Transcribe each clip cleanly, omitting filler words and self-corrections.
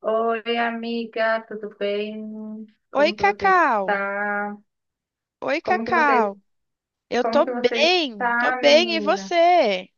Oi, amiga, tudo bem? Oi, Como que você Cacau. está? Oi, Como que você, Cacau. Eu como que você tô está, bem, e menina? você?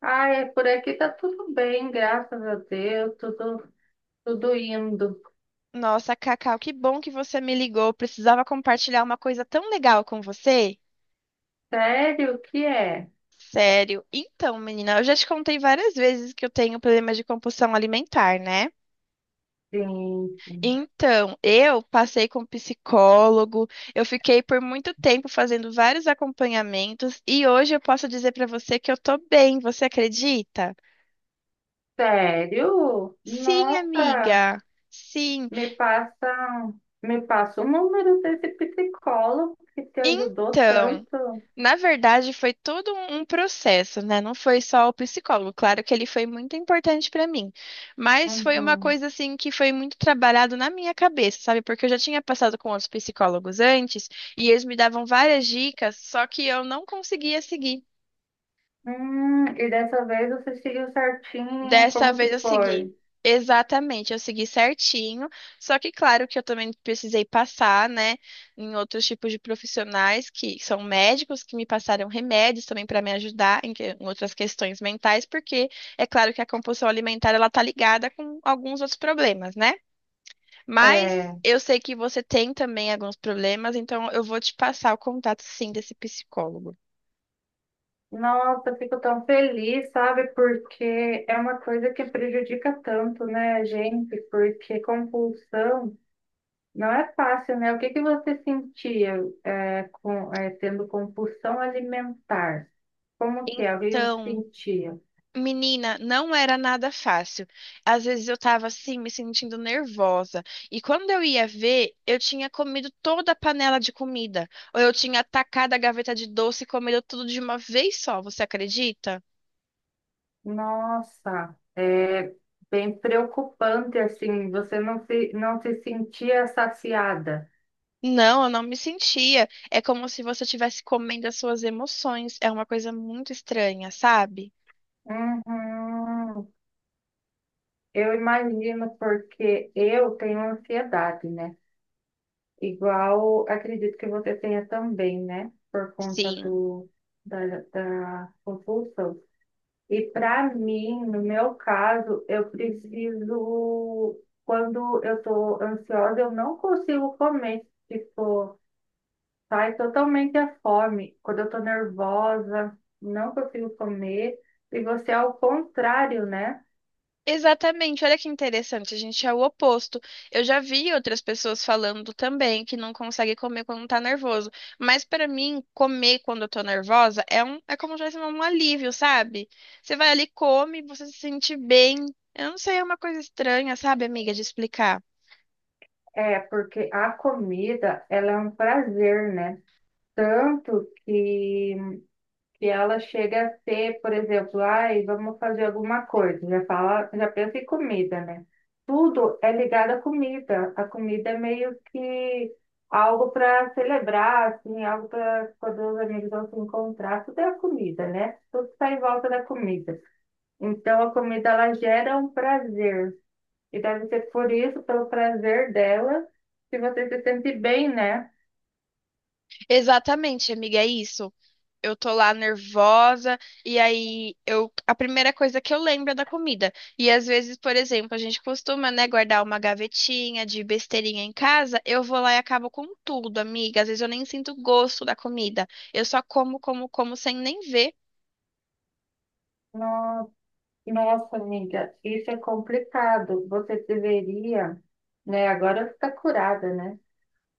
Ai, é por aqui tá tudo bem, graças a Deus, tudo, tudo indo. Nossa, Cacau, que bom que você me ligou. Precisava compartilhar uma coisa tão legal com você. Sério, o que é? Sério. Então, menina, eu já te contei várias vezes que eu tenho problema de compulsão alimentar, né? Sim, Então, eu passei com um psicólogo, eu fiquei por muito tempo fazendo vários acompanhamentos e hoje eu posso dizer pra você que eu tô bem, você acredita? sério? Sim, Nossa, amiga. Sim. me passa, me passa o número desse psicólogo que te ajudou Então, tanto. na verdade, foi todo um processo, né? Não foi só o psicólogo. Claro que ele foi muito importante para mim, mas foi uma Uhum. coisa assim que foi muito trabalhado na minha cabeça, sabe? Porque eu já tinha passado com outros psicólogos antes e eles me davam várias dicas, só que eu não conseguia seguir. E dessa vez você seguiu certinho, Dessa como que vez eu segui. foi? Exatamente, eu segui certinho. Só que, claro, que eu também precisei passar, né, em outros tipos de profissionais que são médicos que me passaram remédios também para me ajudar em outras questões mentais, porque é claro que a compulsão alimentar ela tá ligada com alguns outros problemas, né? Mas É, eu sei que você tem também alguns problemas, então eu vou te passar o contato sim desse psicólogo. nossa, eu fico tão feliz, sabe? Porque é uma coisa que prejudica tanto, né, a gente? Porque compulsão não é fácil, né? O que que você sentia, tendo compulsão alimentar? Como que é? O que eu Então, sentia? menina, não era nada fácil. Às vezes eu tava assim, me sentindo nervosa. E quando eu ia ver, eu tinha comido toda a panela de comida. Ou eu tinha atacado a gaveta de doce e comido tudo de uma vez só, você acredita? Nossa, é bem preocupante, assim, você não se sentia saciada. Não, eu não me sentia. É como se você estivesse comendo as suas emoções. É uma coisa muito estranha, sabe? Uhum. Eu imagino porque eu tenho ansiedade, né? Igual acredito que você tenha também, né? Por conta Sim. Da, da compulsão. E para mim, no meu caso, quando eu estou ansiosa, eu não consigo comer. Tipo, sai totalmente a fome. Quando eu estou nervosa, não consigo comer. E você é o contrário, né? Exatamente, olha que interessante, a gente é o oposto. Eu já vi outras pessoas falando também que não consegue comer quando tá nervoso, mas pra mim, comer quando eu tô nervosa é um, é como se fosse um alívio, sabe? Você vai ali, come, você se sente bem. Eu não sei, é uma coisa estranha, sabe, amiga, de explicar. É, porque a comida, ela é um prazer, né? Tanto que ela chega a ser, por exemplo, ai, vamos fazer alguma coisa, já fala, já pensa em comida, né? Tudo é ligado à comida. A comida é meio que algo para celebrar, assim, algo para quando os amigos vão se encontrar, tudo é a comida, né? Tudo está em volta da comida. Então a comida ela gera um prazer. E deve ser por isso, pelo prazer dela, que você se sente bem, né? Exatamente, amiga, é isso. Eu tô lá nervosa e aí eu a primeira coisa que eu lembro é da comida. E às vezes, por exemplo, a gente costuma, né, guardar uma gavetinha de besteirinha em casa, eu vou lá e acabo com tudo, amiga. Às vezes eu nem sinto gosto da comida. Eu só como, como, como sem nem ver. No, Nossa, amiga, isso é complicado. Você deveria, né? Agora está curada, né?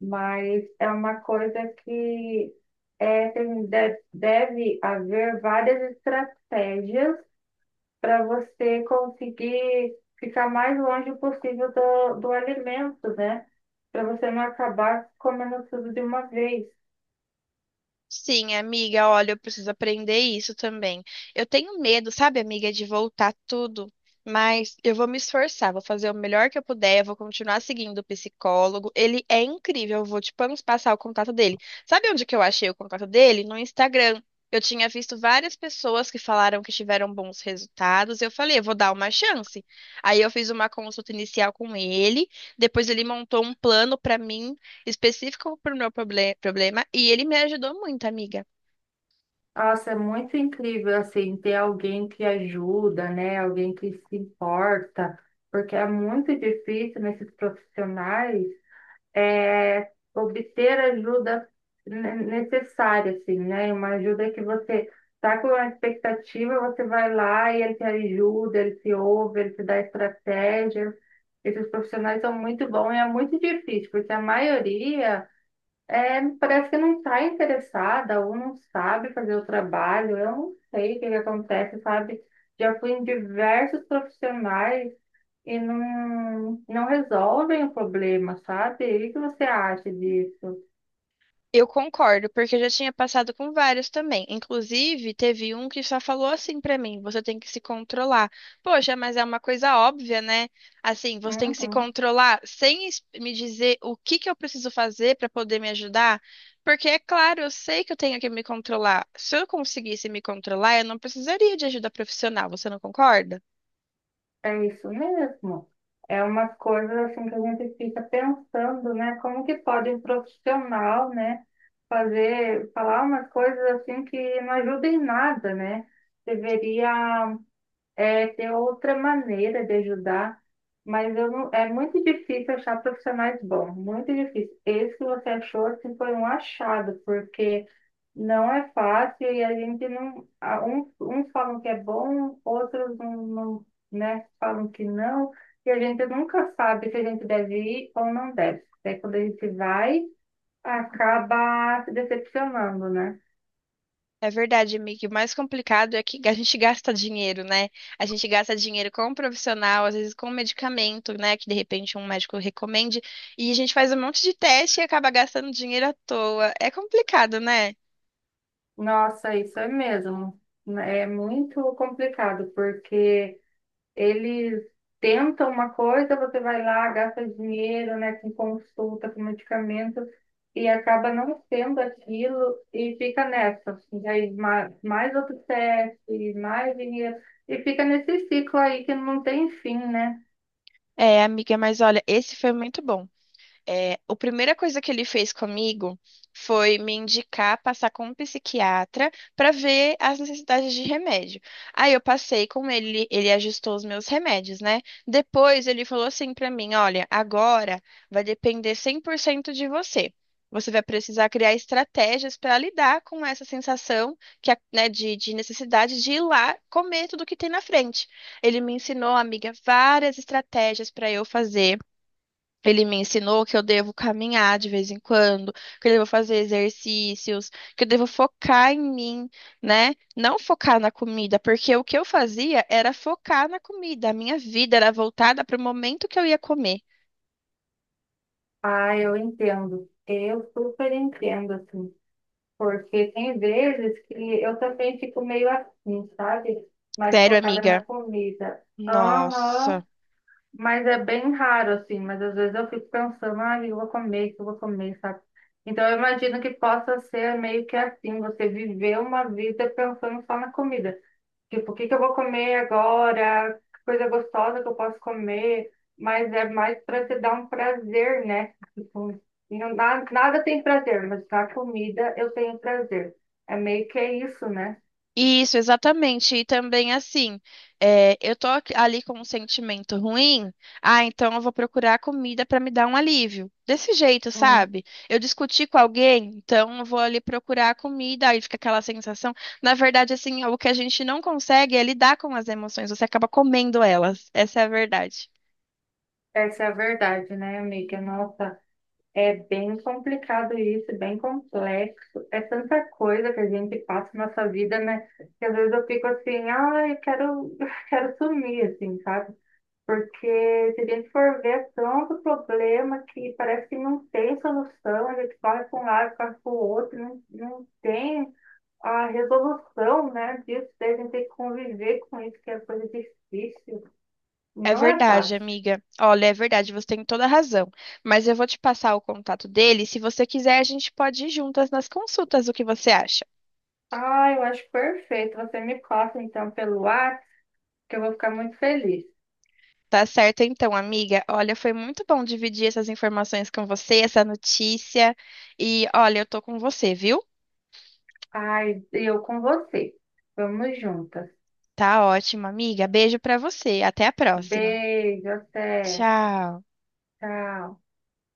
Mas é uma coisa que deve haver várias estratégias para você conseguir ficar mais longe possível do alimento, né? Para você não acabar comendo tudo de uma vez. Sim, amiga, olha, eu preciso aprender isso também. Eu tenho medo, sabe, amiga, de voltar tudo, mas eu vou me esforçar, vou fazer o melhor que eu puder, eu vou continuar seguindo o psicólogo. Ele é incrível, eu vou te passar o contato dele. Sabe onde que eu achei o contato dele? No Instagram. Eu tinha visto várias pessoas que falaram que tiveram bons resultados. Eu falei, eu vou dar uma chance. Aí eu fiz uma consulta inicial com ele, depois ele montou um plano para mim específico para o meu problema e ele me ajudou muito, amiga. Nossa, é muito incrível assim ter alguém que ajuda, né? Alguém que se importa, porque é muito difícil nesses profissionais obter a ajuda necessária, assim, né? Uma ajuda que você está com uma expectativa, você vai lá e ele te ajuda, ele te ouve, ele te dá estratégia. Esses profissionais são muito bons e é muito difícil, porque a maioria parece que não está interessada ou não sabe fazer o trabalho. Eu não sei o que que acontece, sabe? Já fui em diversos profissionais e não resolvem o problema, sabe? E o que você acha disso? Eu concordo, porque eu já tinha passado com vários também. Inclusive, teve um que só falou assim para mim: você tem que se controlar. Poxa, mas é uma coisa óbvia, né? Assim, você tem que se Uhum, controlar sem me dizer o que que eu preciso fazer para poder me ajudar. Porque, é claro, eu sei que eu tenho que me controlar. Se eu conseguisse me controlar, eu não precisaria de ajuda profissional, você não concorda? é isso mesmo. É umas coisas assim que a gente fica pensando, né? Como que pode um profissional, né, falar umas coisas assim que não ajudam em nada, né? Deveria ter outra maneira de ajudar, mas eu não, é muito difícil achar profissionais bons, muito difícil. Esse que você achou assim, foi um achado, porque não é fácil e a gente não. a- uns falam que é bom, outros né, falam que não, e a gente nunca sabe se a gente deve ir ou não deve. Até quando a gente vai, acaba se decepcionando, né? É verdade, amiga. O mais complicado é que a gente gasta dinheiro, né? A gente gasta dinheiro com um profissional, às vezes com um medicamento, né? Que de repente um médico recomende, e a gente faz um monte de teste e acaba gastando dinheiro à toa. É complicado, né? Nossa, isso é mesmo. É muito complicado, porque. Eles tentam uma coisa, você vai lá, gasta dinheiro, né, com consulta, com medicamento, e acaba não sendo aquilo e fica nessa. E aí mais outro teste, mais dinheiro, e fica nesse ciclo aí que não tem fim, né? É, amiga, mas olha, esse foi muito bom. É, a primeira coisa que ele fez comigo foi me indicar passar com um psiquiatra para ver as necessidades de remédio. Aí eu passei com ele, ele ajustou os meus remédios, né? Depois ele falou assim para mim: olha, agora vai depender 100% de você. Você vai precisar criar estratégias para lidar com essa sensação que, a- né, de necessidade de ir lá comer tudo que tem na frente. Ele me ensinou, amiga, várias estratégias para eu fazer. Ele me ensinou que eu devo caminhar de vez em quando, que eu devo fazer exercícios, que eu devo focar em mim, né? Não focar na comida, porque o que eu fazia era focar na comida. A minha vida era voltada para o momento que eu ia comer. Ah, eu entendo. Eu super entendo, assim. Porque tem vezes que eu também fico meio assim, sabe? Mais Sério, focada na amiga? comida. Aham. Nossa. Mas é bem raro, assim, mas às vezes eu fico pensando, ah, o que eu vou comer, sabe? Então eu imagino que possa ser meio que assim, você viver uma vida pensando só na comida. Tipo, o que que eu vou comer agora? Que coisa gostosa que eu posso comer? Mas é mais para te dar um prazer, né? Tipo, nada tem prazer, mas na comida eu tenho prazer. É meio que é isso, né? Isso, exatamente. E também assim, é, eu tô ali com um sentimento ruim, ah, então eu vou procurar comida para me dar um alívio. Desse jeito, Hum, sabe? Eu discuti com alguém, então eu vou ali procurar a comida, aí fica aquela sensação. Na verdade, assim, o que a gente não consegue é lidar com as emoções, você acaba comendo elas. Essa é a verdade. essa é a verdade, né, amiga? Nossa. É bem complicado isso, é bem complexo. É tanta coisa que a gente passa na nossa vida, né? Que às vezes eu fico assim, ah, eu quero, quero sumir, assim, sabe? Porque se a gente for ver é tanto problema que parece que não tem solução, a gente corre para um lado, corre para o outro, não tem a resolução, né, disso, daí a gente tem que conviver com isso, que é coisa difícil. É Não é verdade, fácil. amiga. Olha, é verdade, você tem toda a razão. Mas eu vou te passar o contato dele. Se você quiser, a gente pode ir juntas nas consultas. O que você acha? Ah, eu acho perfeito. Você me passa então pelo WhatsApp que eu vou ficar muito feliz. Tá certo então, amiga. Olha, foi muito bom dividir essas informações com você, essa notícia. E olha, eu tô com você, viu? Ai, e eu com você. Vamos juntas. Tá ótimo, amiga. Beijo pra você. Até a próxima. Beijo, até. Tchau. Tchau.